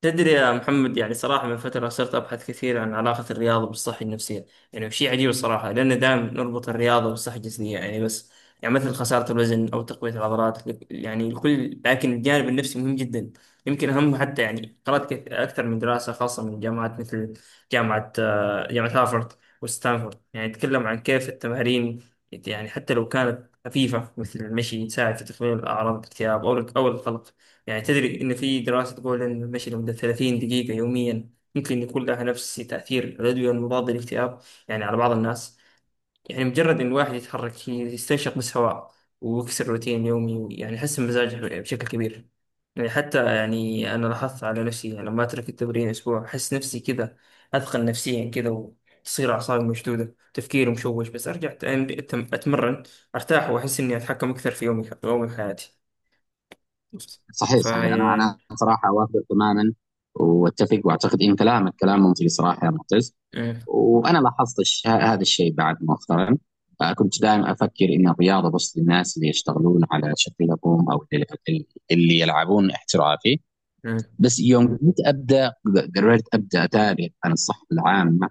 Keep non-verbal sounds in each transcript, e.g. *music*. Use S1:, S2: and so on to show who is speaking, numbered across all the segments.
S1: تدري يا محمد، يعني صراحة من فترة صرت أبحث كثير عن علاقة الرياضة بالصحة النفسية. يعني شيء عجيب الصراحة، لأن دائما نربط الرياضة بالصحة الجسدية يعني، بس يعني مثل خسارة الوزن أو تقوية العضلات يعني الكل. لكن الجانب النفسي مهم جدا، يمكن أهم حتى. يعني قرأت أكثر من دراسة خاصة من جامعات مثل جامعة هارفارد وستانفورد، يعني تتكلم عن كيف التمارين، يعني حتى لو كانت خفيفة مثل المشي، تساعد في تقليل أعراض الاكتئاب أو القلق. يعني تدري إن في دراسة تقول إن المشي لمدة 30 دقيقة يوميا ممكن يكون لها نفس تأثير الأدوية المضادة للاكتئاب، يعني على بعض الناس. يعني مجرد إن الواحد يتحرك، يستنشق بس هواء، ويكسر روتين يومي، يعني يحسن مزاجه بشكل كبير. يعني حتى يعني أنا لاحظت على نفسي يعني لما أترك التمرين أسبوع أحس نفسي كذا، أثقل نفسيا كذا، وتصير أعصابي مشدودة، تفكيري مشوش. بس أرجع أتمرن، أرتاح وأحس إني أتحكم أكثر في يومي وحياتي.
S2: صحيح صحيح، انا
S1: فيعني.
S2: انا صراحه اوافقك تماما، واتفق واعتقد ان كلامك كلام منطقي صراحه يا معتز. وانا لاحظت هذا الشيء بعد مؤخرا. كنت دائما افكر ان الرياضه بس للناس اللي يشتغلون على شكلهم او اللي يلعبون احترافي.
S1: مم.
S2: بس يوم كنت ابدا، قررت ابدا اتابع عن الصحه العامه،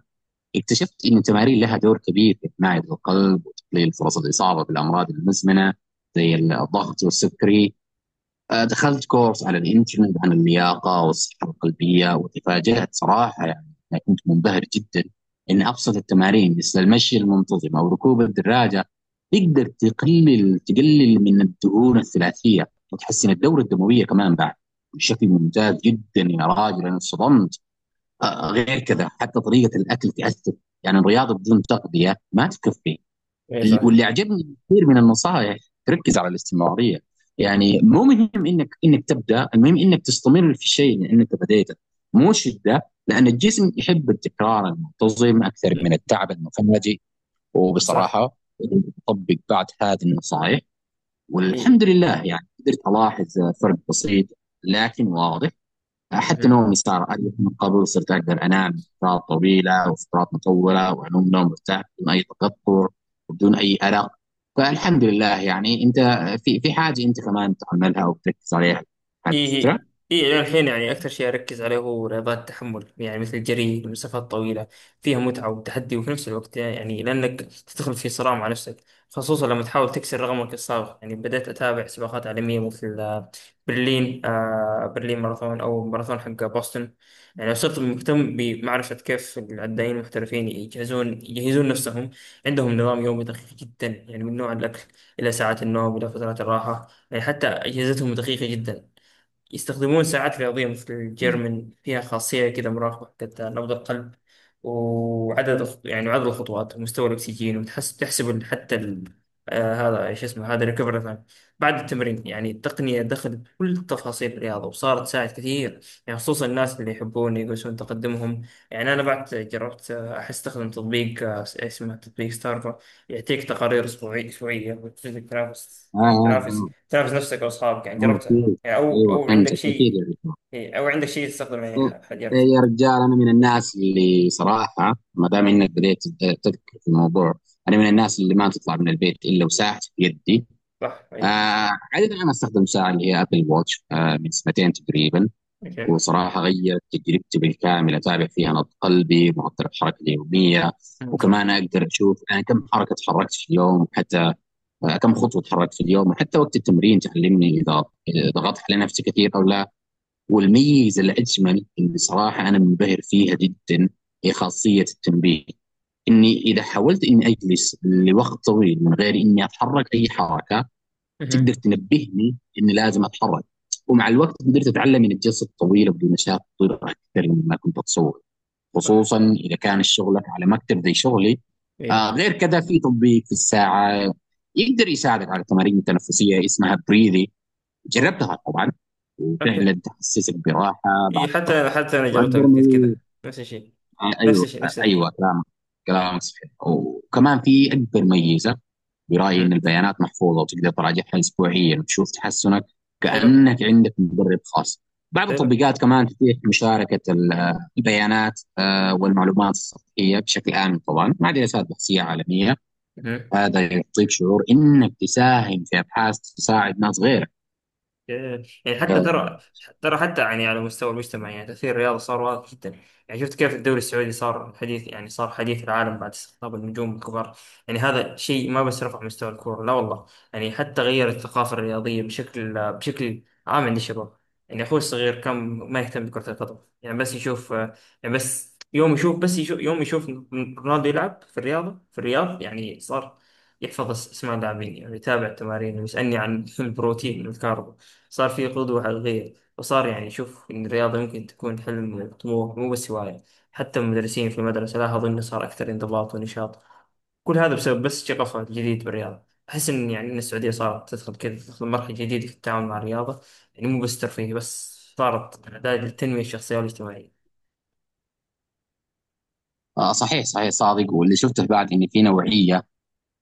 S2: اكتشفت ان التمارين لها دور كبير في حمايه القلب وتقليل فرص الاصابه بالامراض المزمنه زي الضغط والسكري. دخلت كورس على الانترنت عن اللياقة والصحة القلبية وتفاجأت صراحة، يعني أنا كنت منبهر جدا إن أبسط التمارين مثل المشي المنتظم أو ركوب الدراجة تقدر تقلل من الدهون الثلاثية وتحسن الدورة الدموية كمان بعد بشكل ممتاز جدا. يا راجل أنا اتصدمت. غير كذا حتى طريقة الأكل تأثر، يعني الرياضة بدون تغذية ما تكفي.
S1: ايه صح.
S2: واللي عجبني كثير من النصائح تركز على الاستمراريه، يعني مو مهم انك تبدا، المهم انك تستمر في الشيء اللي انت بديته، مو شده، لان الجسم يحب التكرار المنتظم اكثر
S1: إيه
S2: من التعب المفاجئ.
S1: صح.
S2: وبصراحه اطبق بعض هذه النصائح
S1: إيه.
S2: والحمد لله، يعني قدرت الاحظ فرق بسيط لكن واضح. حتى
S1: مهم.
S2: نومي صار أريح من قبل، صرت أقدر أنام فترات طويلة وفترات مطولة وأنوم نوم مرتاح بدون أي تقطر وبدون أي أرق. فالحمد لله. يعني أنت في حاجة أنت كمان تعملها وبتركز عليها هذه الفترة؟
S1: إيه، إيه إلى الحين يعني أكثر شيء أركز عليه هو رياضات التحمل، يعني مثل الجري المسافات الطويلة، فيها متعة وتحدي، وفي نفس الوقت يعني لأنك تدخل في صراع مع نفسك خصوصا لما تحاول تكسر رقمك السابق. يعني بدأت أتابع سباقات عالمية مثل برلين، برلين ماراثون أو ماراثون حق بوسطن. يعني صرت مهتم بمعرفة كيف العدائين المحترفين يجهزون نفسهم. عندهم نظام يومي دقيق جدا، يعني من نوع الأكل إلى ساعات النوم إلى فترات الراحة. يعني حتى أجهزتهم دقيقة جدا، يستخدمون ساعات رياضية مثل
S2: مم.
S1: الجيرمن، فيها خاصية كده مراقبة حقت نبض القلب، وعدد الخ- يعني عدد الخطوات ومستوى الأكسجين، وتحس تحسب حتى ال... هذا ايش اسمه؟ هذا ريكفري تايم بعد التمرين. يعني التقنية دخلت كل تفاصيل الرياضة وصارت تساعد كثير، يعني خصوصا الناس اللي يحبون يقيسون تقدمهم. يعني أنا بعد جربت، أحس أستخدم تطبيق، اسمه تطبيق ستارفا. يعطيك تقارير أسبوعية وتجد تنافس،
S2: آه
S1: يعني
S2: آه
S1: تنافس
S2: آه
S1: تنافس نفسك وأصحابك. يعني
S2: آه،
S1: جربت،
S2: أكيد.
S1: أو
S2: أيوه
S1: أو عندك
S2: فهمتك أكيد يا
S1: شيء؟
S2: رجال.
S1: إيه، أو عندك شيء تستخدمه؟ يعني
S2: إيه،
S1: حاجات.
S2: يا رجال أنا من الناس اللي صراحة ما دام إنك بديت تذكر في الموضوع، أنا من الناس اللي ما تطلع من البيت إلا وساعتي في يدي.
S1: صح،
S2: آه،
S1: أي.
S2: عادة أنا أستخدم ساعة اللي هي أبل واتش من سنتين تقريبا،
S1: أوكي.
S2: وصراحة غيرت تجربتي بالكامل. أتابع فيها نبض قلبي، معدل الحركة اليومية،
S1: أمم، صح.
S2: وكمان أقدر أشوف أنا كم حركة تحركت في اليوم، حتى كم خطوة تحركت في اليوم، وحتى وقت التمرين تعلمني إذا ضغطت على نفسي كثير أو لا. والميزة الأجمل اللي صراحة أنا منبهر فيها جدا هي خاصية التنبيه، إني إذا حاولت إني أجلس لوقت طويل من غير إني أتحرك أي حركة، تقدر
S1: أها،
S2: تنبهني اني لازم اتحرك. ومع الوقت قدرت اتعلم من الجلسه الطويله بدون مشاكل اكثر مما كنت اتصور،
S1: صح.
S2: خصوصا اذا كان شغلك على مكتب زي شغلي.
S1: إيه.
S2: غير كذا في تطبيق في الساعه يقدر يساعدك على تمارين تنفسيه اسمها بريذي،
S1: أوه.
S2: جربتها طبعا
S1: أوكي.
S2: وفعلا تحسسك براحه
S1: إيه،
S2: بعد
S1: حتى
S2: الضغط.
S1: أنا حتى أنا جربتها
S2: واكبر
S1: قبل
S2: ميز،
S1: كده، نفس الشيء،
S2: آه،
S1: نفس
S2: ايوه
S1: الشيء،
S2: آه،
S1: نفس ال...
S2: ايوه كلامك كلامك صحيح. وكمان في اكبر ميزه برأيي،
S1: أها.
S2: إن البيانات محفوظة وتقدر تراجعها أسبوعيا وتشوف تحسنك،
S1: حلو.
S2: كأنك عندك مدرب خاص. بعض
S1: حلو.
S2: التطبيقات كمان تتيح مشاركة البيانات، والمعلومات السطحية بشكل آمن طبعا مع دراسات بحثية عالمية.
S1: أها.
S2: هذا يعطيك شعور إنك تساهم في أبحاث تساعد ناس غيرك.
S1: إيه، يعني حتى
S2: آه،
S1: ترى، ترى حتى يعني على مستوى المجتمع يعني تأثير الرياضة صار واضح جدا. يعني شفت كيف الدوري السعودي صار حديث، يعني صار حديث العالم بعد استقطاب النجوم الكبار. يعني هذا شيء ما بس رفع مستوى الكورة، لا والله، يعني حتى غير الثقافة الرياضية بشكل عام عند الشباب. يعني أخوي الصغير كان ما يهتم بكرة القدم، يعني بس يشوف، يعني بس يوم يشوف، بس يشوف يوم يشوف رونالدو يلعب في الرياضة في الرياض، يعني صار يحفظ اسماء اللاعبين، يعني يتابع التمارين ويسألني عن *laughs* البروتين والكارب. صار في قدوة على الغير، وصار يعني شوف إن الرياضة يمكن تكون حلم وطموح، مو بس هواية. حتى المدرسين في المدرسة لاحظوا إنه صار أكثر انضباط ونشاط. كل هذا بسبب بس شغفه الجديد بالرياضة. أحس إن يعني إن السعودية صارت تدخل كذا، تدخل مرحلة جديدة في التعامل مع الرياضة، يعني مو بس ترفيه، بس صارت أداة للتنمية الشخصية والاجتماعية.
S2: صحيح صحيح صادق. واللي شفته بعد إن في نوعية،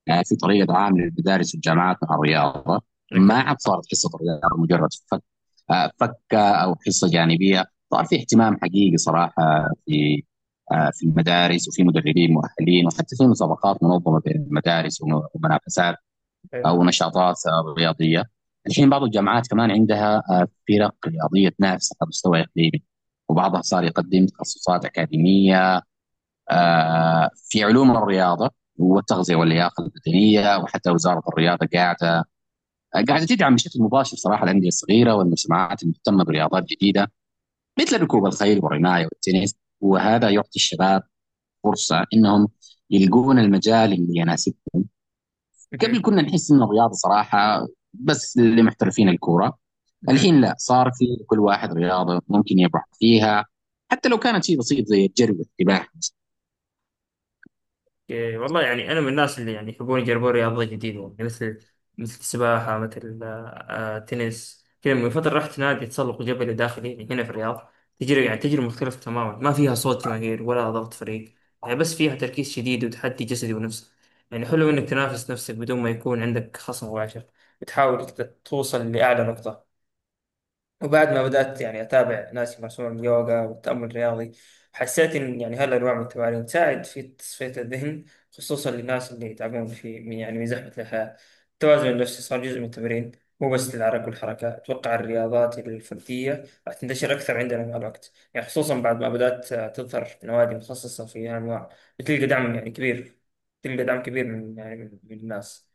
S2: يعني في طريقه عام للمدارس والجامعات مع الرياضه. ما عاد صارت حصه رياضه مجرد فك آه، فكه او حصه جانبيه. صار في اهتمام حقيقي صراحه في المدارس، وفي مدربين مؤهلين، وحتى في مسابقات منظمه بين المدارس، ومنافسات او نشاطات رياضيه. الحين بعض الجامعات كمان عندها فرق رياضيه تنافس على مستوى اقليمي، وبعضها صار يقدم تخصصات اكاديميه في علوم الرياضه والتغذيه واللياقه البدنيه. وحتى وزاره الرياضه قاعده تدعم بشكل مباشر صراحه الانديه الصغيره والمجتمعات المهتمه برياضات جديده مثل ركوب الخيل والرمايه والتنس. وهذا يعطي الشباب فرصه انهم يلقون المجال اللي يناسبهم. قبل كنا نحس ان الرياضه صراحه بس لمحترفين الكوره،
S1: اوكي.
S2: الحين لا، صار في كل واحد رياضه ممكن يبحث فيها، حتى لو كانت شيء بسيط زي الجري والسباحه.
S1: إيه، والله يعني أنا من الناس اللي يعني يحبون يجربون رياضة جديدة، يعني مثل السباحة، مثل التنس كذا. من فترة رحت نادي تسلق جبلي داخلي يعني هنا في الرياض، تجربة يعني تجربة مختلفة تماما، ما فيها صوت جماهير ولا ضغط فريق، يعني بس فيها تركيز شديد وتحدي جسدي ونفسي. يعني حلو إنك تنافس نفسك بدون ما يكون عندك خصم مباشر، وتحاول توصل لأعلى نقطة. وبعد ما بدأت يعني أتابع ناس يمارسون اليوغا والتأمل الرياضي، حسيت إن يعني هالأنواع من التمارين تساعد في تصفية الذهن، خصوصا للناس اللي يتعبون في، من يعني من زحمة الحياة. التوازن النفسي صار جزء من التمرين، مو بس للعرق والحركة. أتوقع الرياضات الفردية راح تنتشر أكثر عندنا مع الوقت، يعني خصوصا بعد ما بدأت تظهر نوادي متخصصة في هالأنواع. بتلقى دعم يعني كبير، تلقى دعم كبير من، يعني من الناس.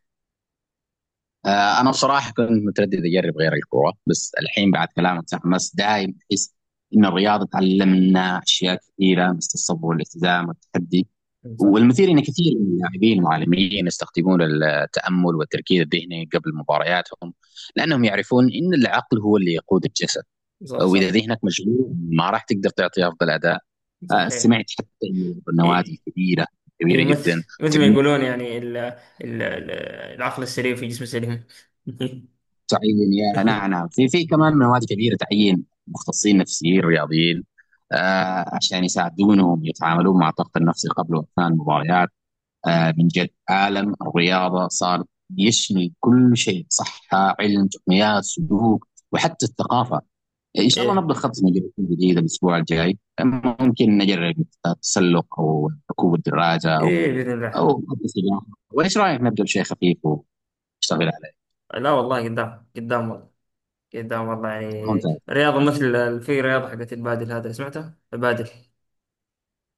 S2: انا بصراحه كنت متردد اجرب غير الكوره، بس الحين بعد كلامك تحمست. دايم احس ان الرياضه تعلمنا اشياء كثيره مثل الصبر والالتزام والتحدي.
S1: صح،
S2: والمثير ان كثير من اللاعبين والمعلمين يستخدمون التامل والتركيز الذهني قبل مبارياتهم، لانهم يعرفون ان العقل هو اللي يقود الجسد،
S1: صح،
S2: واذا
S1: صح،
S2: ذهنك مشغول ما راح تقدر تعطي افضل اداء.
S1: صحيح.
S2: سمعت حتى إن النوادي
S1: إيه،
S2: الكبيره
S1: إيه
S2: كبيره جدا
S1: مثل ما يقولون يعني العقل السليم في جسم سليم. *laughs*
S2: تعيين، يا نعم نعم، في كمان مواد كبيره تعيين مختصين نفسيين رياضيين عشان يساعدونهم يتعاملون مع الضغط النفسي قبل واثناء المباريات. من جد عالم الرياضه صار يشمل كل شيء، صحه، علم، تقنيات، سلوك، وحتى الثقافه. ان شاء الله
S1: ايه،
S2: نبدا خطه جديده الاسبوع الجاي، ممكن نجرب التسلق او ركوب الدراجه او
S1: ايه باذن الله.
S2: او السباحه. وايش رايك نبدا بشيء خفيف ونشتغل عليه؟
S1: لا والله، قدام قدام والله، قدام والله، يعني
S2: ممتاز.
S1: رياضه مثل في رياضه حقت البادل، هذا سمعتها البادل.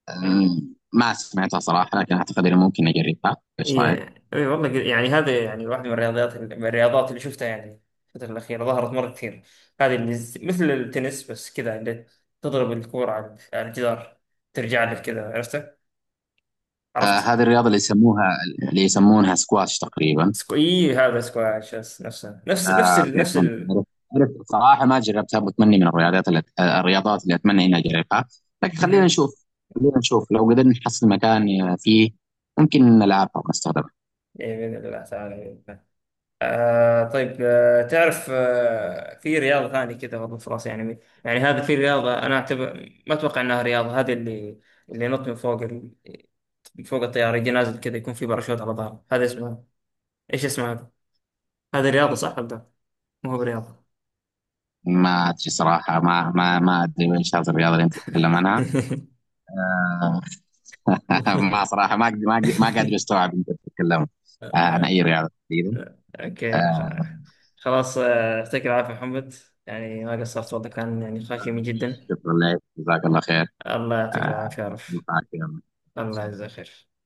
S2: ما سمعتها صراحة، لكن أعتقد إنه ممكن أجربها. إيش رأيك؟
S1: ايه، ايه والله، يعني هذا يعني واحده من الرياضيات من الرياضات اللي شفتها يعني الفتره الاخيره، ظهرت مره كثير. هذه اللي مثل التنس بس كذا، اللي تضرب الكوره على الجدار، ترجع لك كذا. عرفت؟
S2: آه،
S1: عرفت؟
S2: هذه الرياضة اللي يسموها اللي يسمونها سكواش تقريبا.
S1: سكو... إيه هذا سكواش، بس نفسه، نفس نفس
S2: آه
S1: ال...
S2: كيف
S1: نفس
S2: فهمت.
S1: ال...
S2: عرفت عرفت. صراحة ما جربتها، وأتمنى من الرياضات اللي الرياضات اللي أتمنى إني أجربها. لكن خلينا
S1: مهم.
S2: نشوف، خلينا نشوف لو قدرنا نحصل مكان فيه ممكن نلعبها ونستخدمها.
S1: إيه بإذن الله تعالى، بإذن الله. طيب، تعرف، في رياضة ثانية كذا برضه في راسي، يعني هذا في رياضة أنا أعتبر ما أتوقع أنها رياضة. هذه اللي اللي ينط من فوق ال... من فوق الطيارة، يجي نازل كذا، يكون في باراشوت على ظهره. هذا اسمها إيش اسمها هذا؟ هذا رياضة صح ولا لا؟ ما هو برياضة.
S2: ما أدري صراحة، ما أدري وين هذه الرياضة اللي أنت تتكلم عنها. آه *laughs* ما صراحة، ما أقدر ما قادر أستوعب أنت تتكلم عن أي
S1: *laughs*
S2: رياضة تقريبا.
S1: اوكي
S2: آه،
S1: خلاص. يعطيك العافية محمد، يعني ما قصرت والله، كان يعني خاشم جدا.
S2: شكرا لك، جزاك الله خير.
S1: الله يعطيك
S2: آه،
S1: العافية يا عرف.
S2: نفعك يا
S1: الله يجزاك خير.